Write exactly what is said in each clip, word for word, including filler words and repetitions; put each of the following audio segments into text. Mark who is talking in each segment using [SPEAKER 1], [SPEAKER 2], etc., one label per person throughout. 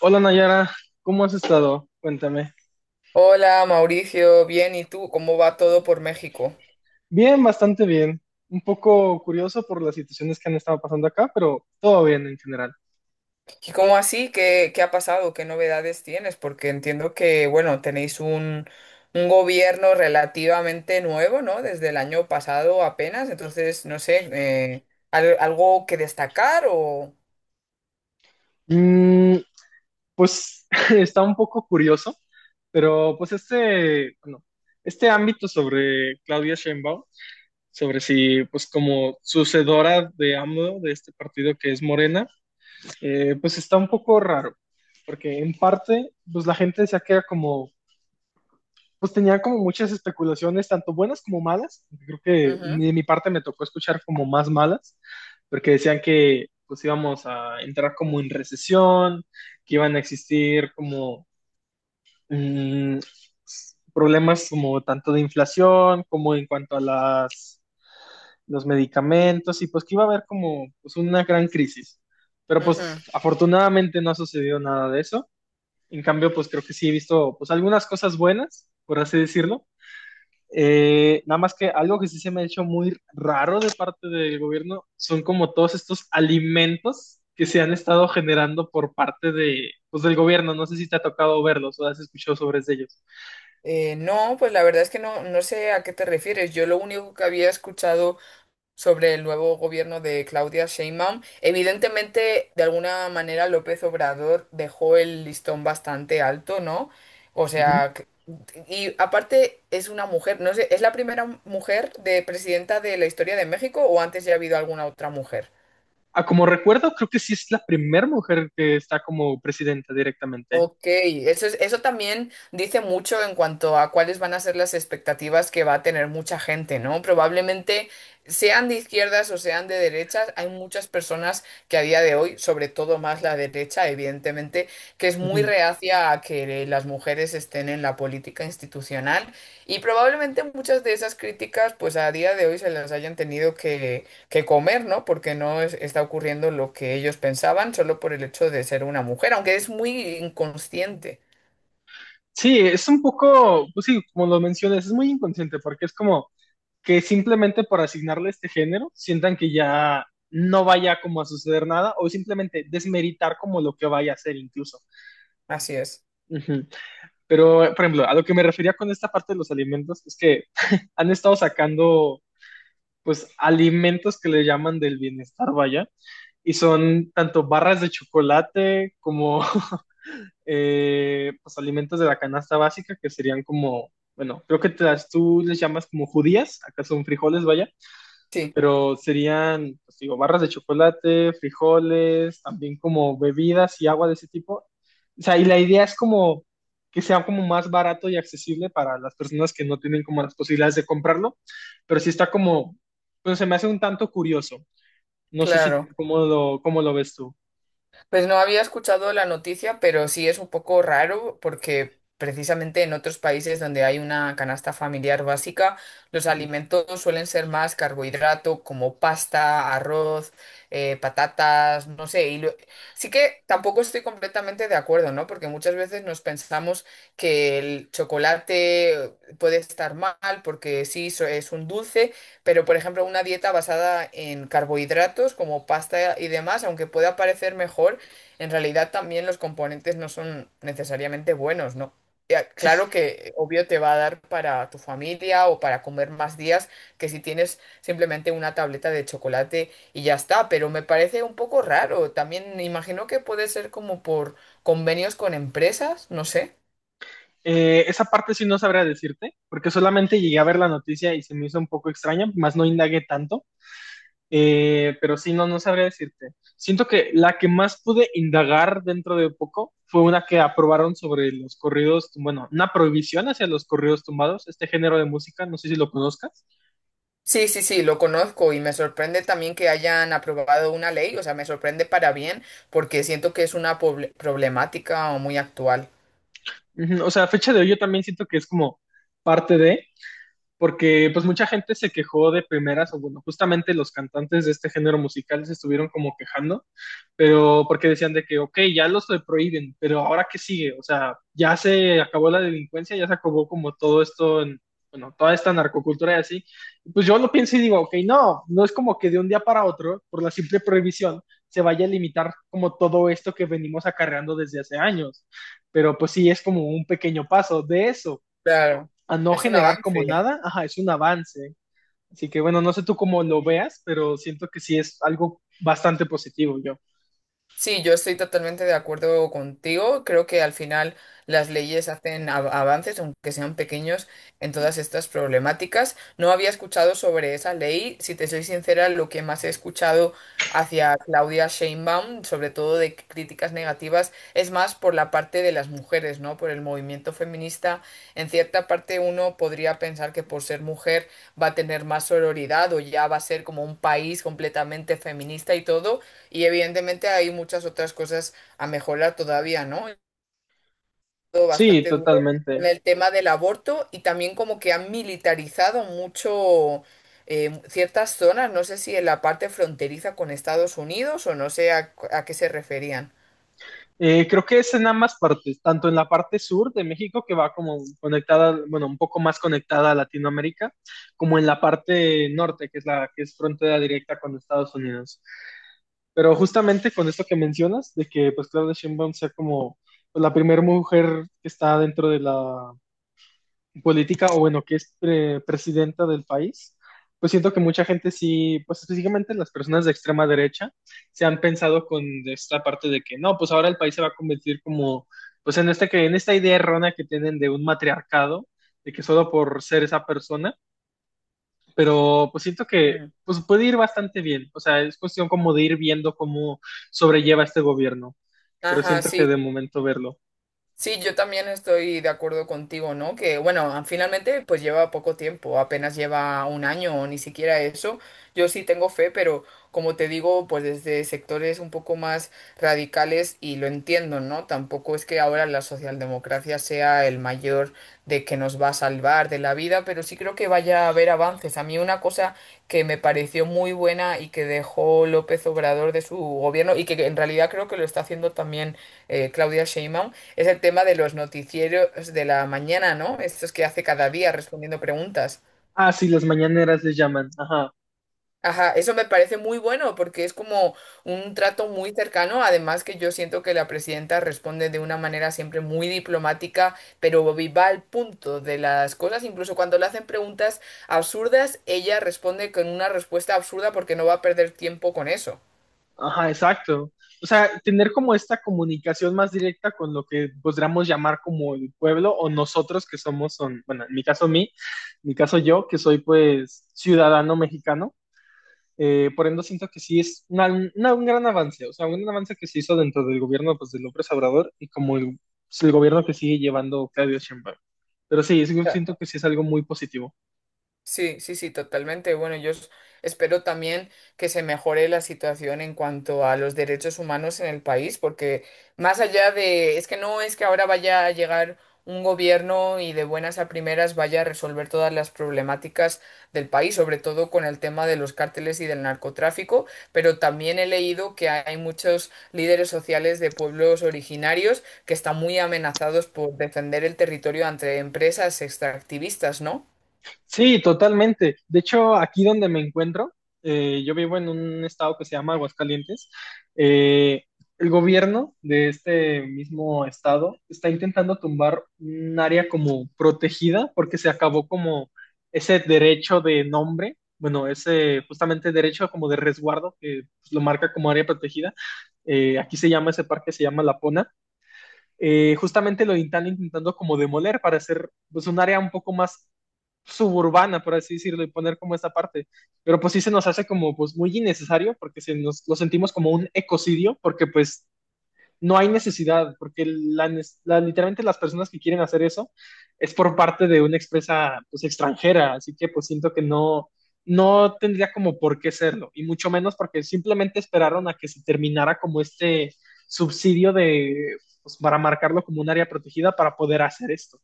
[SPEAKER 1] Hola Nayara, ¿cómo has estado? Cuéntame.
[SPEAKER 2] Hola Mauricio, bien, ¿y tú? ¿Cómo va todo por México?
[SPEAKER 1] Bien, bastante bien. Un poco curioso por las situaciones que han estado pasando acá, pero todo bien en general.
[SPEAKER 2] ¿Y cómo así? ¿Qué, qué ha pasado? ¿Qué novedades tienes? Porque entiendo que, bueno, tenéis un, un gobierno relativamente nuevo, ¿no? Desde el año pasado apenas, entonces, no sé, eh, ¿al- ¿algo que destacar o...?
[SPEAKER 1] Mm, pues está un poco curioso, pero pues este, bueno, este ámbito sobre Claudia Sheinbaum, sobre si pues como sucedora de A M L O, de este partido que es Morena, eh, pues está un poco raro, porque en parte pues la gente se queda como pues tenía como muchas especulaciones, tanto buenas como malas. Creo que
[SPEAKER 2] Ujú,
[SPEAKER 1] de mi parte me tocó escuchar como más malas, porque decían que pues íbamos a entrar como en recesión, que iban a existir como mm, problemas como tanto de inflación como en cuanto a las los medicamentos y pues que iba a haber como pues, una gran crisis. Pero
[SPEAKER 2] ujú.
[SPEAKER 1] pues afortunadamente no ha sucedido nada de eso. En cambio, pues creo que sí he visto pues algunas cosas buenas, por así decirlo, eh, nada más que algo que sí se me ha hecho muy raro de parte del gobierno son como todos estos alimentos que se han estado generando por parte de, pues, del gobierno. No sé si te ha tocado verlos o has escuchado sobre ellos.
[SPEAKER 2] Eh, no, pues la verdad es que no, no sé a qué te refieres. Yo lo único que había escuchado sobre el nuevo gobierno de Claudia Sheinbaum. Evidentemente, de alguna manera, López Obrador dejó el listón bastante alto, ¿no? O
[SPEAKER 1] Ujú.
[SPEAKER 2] sea, que- y aparte es una mujer, no sé, ¿es la primera mujer de presidenta de la historia de México o antes ya ha habido alguna otra mujer?
[SPEAKER 1] Ah, como recuerdo, creo que sí es la primera mujer que está como presidenta directamente.
[SPEAKER 2] Ok, eso es- eso también dice mucho en cuanto a cuáles van a ser las expectativas que va a tener mucha gente, ¿no? Probablemente sean de izquierdas o sean de derechas, hay muchas personas que a día de hoy, sobre todo más la derecha, evidentemente, que es muy
[SPEAKER 1] Ujú.
[SPEAKER 2] reacia a que las mujeres estén en la política institucional y probablemente muchas de esas críticas, pues a día de hoy se las hayan tenido que comer, ¿no? Porque no es- está ocurriendo lo que ellos pensaban solo por el hecho de ser una mujer, aunque es muy inconsciente.
[SPEAKER 1] Sí, es un poco, pues sí, como lo mencionas, es muy inconsciente porque es como que simplemente por asignarle este género sientan que ya no vaya como a suceder nada o simplemente desmeritar como lo que vaya a ser incluso.
[SPEAKER 2] Así es.
[SPEAKER 1] Ujú. Pero, por ejemplo, a lo que me refería con esta parte de los alimentos es que han estado sacando pues alimentos que le llaman del bienestar, vaya, y son tanto barras de chocolate como eh, pues alimentos de la canasta básica que serían como, bueno, creo que te las- tú les llamas como judías, acá son frijoles, vaya,
[SPEAKER 2] Sí,
[SPEAKER 1] pero serían, pues digo, barras de chocolate, frijoles, también como bebidas y agua de ese tipo. O sea, y la idea es como que sea como más barato y accesible para las personas que no tienen como las posibilidades de comprarlo, pero sí está como, pues se me hace un tanto curioso. No sé si,
[SPEAKER 2] claro.
[SPEAKER 1] ¿cómo lo, ¿cómo lo ves tú?
[SPEAKER 2] Pues no había escuchado la noticia, pero sí es un poco raro porque precisamente en otros países donde hay una canasta familiar básica, los
[SPEAKER 1] Ujú.
[SPEAKER 2] alimentos suelen ser más carbohidrato, como pasta, arroz, eh, patatas, no sé. Y lo- sí que tampoco estoy completamente de acuerdo, ¿no? Porque muchas veces nos pensamos que el chocolate puede estar mal porque sí, so- es un dulce. Pero, por ejemplo, una dieta basada en carbohidratos como pasta y demás, aunque pueda parecer mejor, en realidad también los componentes no son necesariamente buenos, ¿no? Ya,
[SPEAKER 1] Sí, sí.
[SPEAKER 2] claro que obvio te va a dar para tu familia o para comer más días que si tienes simplemente una tableta de chocolate y ya está, pero me parece un poco raro. También me imagino que puede ser como por convenios con empresas, no sé.
[SPEAKER 1] Eh, esa parte sí no sabría decirte, porque solamente llegué a ver la noticia y se me hizo un poco extraña, más no indagué tanto. Eh, pero sí, no, no sabría decirte. Siento que la que más pude indagar dentro de poco fue una que aprobaron sobre los corridos, bueno, una prohibición hacia los corridos tumbados, este género de música, no sé si lo conozcas.
[SPEAKER 2] Sí, sí, sí, lo conozco y me sorprende también que hayan aprobado una ley, o sea, me sorprende para bien porque siento que es una poble- problemática muy actual.
[SPEAKER 1] Ujú. O sea, a fecha de hoy yo también siento que es como parte de, porque pues mucha gente se quejó de primeras, o bueno, justamente los cantantes de este género musical se estuvieron como quejando pero porque decían de que, ok, ya los prohíben, pero ahora qué sigue, o sea, ya se acabó la delincuencia, ya se acabó como todo esto, en- bueno, toda esta narcocultura y así, pues yo lo pienso y digo, ok, no, no es como que de un día para otro, por la simple prohibición, se vaya a limitar como todo esto que venimos acarreando desde hace años, pero pues sí, es como un pequeño paso de eso,
[SPEAKER 2] Claro,
[SPEAKER 1] a no
[SPEAKER 2] es un
[SPEAKER 1] generar como
[SPEAKER 2] avance.
[SPEAKER 1] nada, ajá, es un avance, así que bueno, no sé tú cómo lo veas, pero siento que sí es algo bastante positivo, yo.
[SPEAKER 2] Sí, yo estoy totalmente de acuerdo contigo. Creo que al final las leyes hacen av- avances, aunque sean pequeños, en todas estas problemáticas. No había escuchado sobre esa ley. Si te soy sincera, lo que más he escuchado hacia Claudia Sheinbaum, sobre todo de críticas negativas, es más por la parte de las mujeres, ¿no? Por el movimiento feminista. En cierta parte uno podría pensar que por ser mujer va a tener más sororidad o ya va a ser como un país completamente feminista y todo y evidentemente hay muchas otras cosas a mejorar todavía, ¿no? Todo
[SPEAKER 1] Sí,
[SPEAKER 2] bastante duro en
[SPEAKER 1] totalmente.
[SPEAKER 2] el tema del aborto y también como que han militarizado mucho eh, ciertas zonas, no sé si en la parte fronteriza con Estados Unidos o no sé a, a qué se referían.
[SPEAKER 1] Eh, creo que es en ambas partes, tanto en la parte sur de México, que va como conectada, bueno, un poco más conectada a Latinoamérica, como en la parte norte, que es la que es frontera directa con Estados Unidos. Pero justamente con esto que mencionas, de que pues Claudia Sheinbaum sea como pues, la primera mujer que está dentro de la política o bueno, que es eh, presidenta del país, pues siento que mucha gente sí, pues específicamente las personas de extrema derecha, se han pensado con esta parte de que no, pues ahora el país se va a convertir como, pues en, este, que, en esta idea errónea que tienen de un matriarcado, de que solo por ser esa persona, pero pues siento que
[SPEAKER 2] Ujú.
[SPEAKER 1] pues puede ir bastante bien, o sea, es cuestión como de ir viendo cómo sobrelleva este gobierno, pero
[SPEAKER 2] Ajá,
[SPEAKER 1] siento que de
[SPEAKER 2] sí.
[SPEAKER 1] momento verlo.
[SPEAKER 2] Sí, yo también estoy de acuerdo contigo, ¿no? Que bueno, finalmente pues lleva poco tiempo, apenas lleva un año o ni siquiera eso. Yo sí tengo fe, pero como te digo, pues desde sectores un poco más radicales y lo entiendo, ¿no? Tampoco es que ahora la socialdemocracia sea el mayor de que nos va a salvar de la vida, pero sí creo que vaya a haber avances. A mí una cosa que me pareció muy buena y que dejó López Obrador de su gobierno y que en realidad creo que lo está haciendo también eh, Claudia Sheinbaum es el tema de los noticieros de la mañana, ¿no? Estos que hace cada día respondiendo preguntas.
[SPEAKER 1] Ah, sí, las mañaneras les llaman, ajá.
[SPEAKER 2] Ajá, eso me parece muy bueno porque es como un trato muy cercano, además que yo siento que la presidenta responde de una manera siempre muy diplomática, pero va al punto de las cosas, incluso cuando le hacen preguntas absurdas, ella responde con una respuesta absurda porque no va a perder tiempo con eso.
[SPEAKER 1] Ajá, exacto. O sea, tener como esta comunicación más directa con lo que podríamos llamar como el pueblo o nosotros que somos, son, bueno, en mi caso mí, en mi caso yo, que soy pues ciudadano mexicano, eh, por ende siento que sí es una- una- un gran avance, o sea, un gran avance que se hizo dentro del gobierno pues de López Obrador y como el, el gobierno que sigue llevando Claudio Sheinbaum. Pero sí, es- yo siento que sí es algo muy positivo.
[SPEAKER 2] Sí, sí, sí, totalmente. Bueno, yo s- espero también que se mejore la situación en cuanto a los derechos humanos en el país, porque más allá de, es que no es que ahora vaya a llegar un gobierno y de buenas a primeras vaya a resolver todas las problemáticas del país, sobre todo con el tema de los cárteles y del narcotráfico, pero también he leído que hay muchos líderes sociales de pueblos originarios que están muy amenazados por defender el territorio ante empresas extractivistas, ¿no?
[SPEAKER 1] Sí, totalmente. De hecho, aquí donde me encuentro, eh, yo vivo en un estado que se llama Aguascalientes. Eh, el gobierno de este mismo estado está intentando tumbar un área como protegida porque se acabó como ese derecho de nombre, bueno, ese justamente derecho como de resguardo que pues, lo marca como área protegida. Eh, aquí se llama ese parque, se llama La Pona. Eh, justamente lo están intentando como demoler para hacer pues, un área un poco más suburbana, por así decirlo, y poner como esta parte. Pero pues sí se nos hace como pues muy innecesario porque se nos, lo sentimos como un ecocidio porque pues no hay necesidad, porque la, la, literalmente las personas que quieren hacer eso es por parte de una expresa pues, extranjera, así que pues siento que no, no tendría como por qué serlo, y mucho menos porque simplemente esperaron a que se terminara como este subsidio de, pues, para marcarlo como un área protegida para poder hacer esto.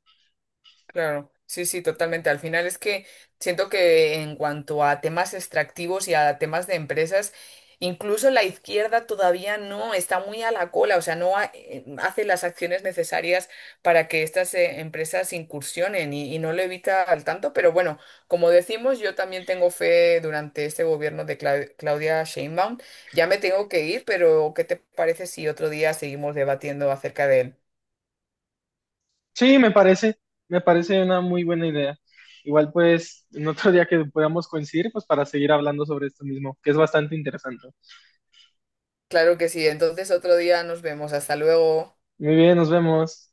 [SPEAKER 2] Claro, sí, sí, totalmente. Al final es que siento que en cuanto a temas extractivos y a temas de empresas, incluso la izquierda todavía no está muy a la cola, o sea, no ha- eh, hace las acciones necesarias para que estas eh, empresas incursionen y, y no lo evita al tanto. Pero bueno, como decimos, yo también tengo fe durante este gobierno de Cla- Claudia Sheinbaum. Ya me tengo que ir, pero ¿qué te parece si otro día seguimos debatiendo acerca de él?
[SPEAKER 1] Sí, me parece, me parece una muy buena idea. Igual pues en otro día que podamos coincidir, pues para seguir hablando sobre esto mismo, que es bastante interesante.
[SPEAKER 2] Claro que sí, entonces otro día nos vemos. Hasta luego.
[SPEAKER 1] Muy bien, nos vemos.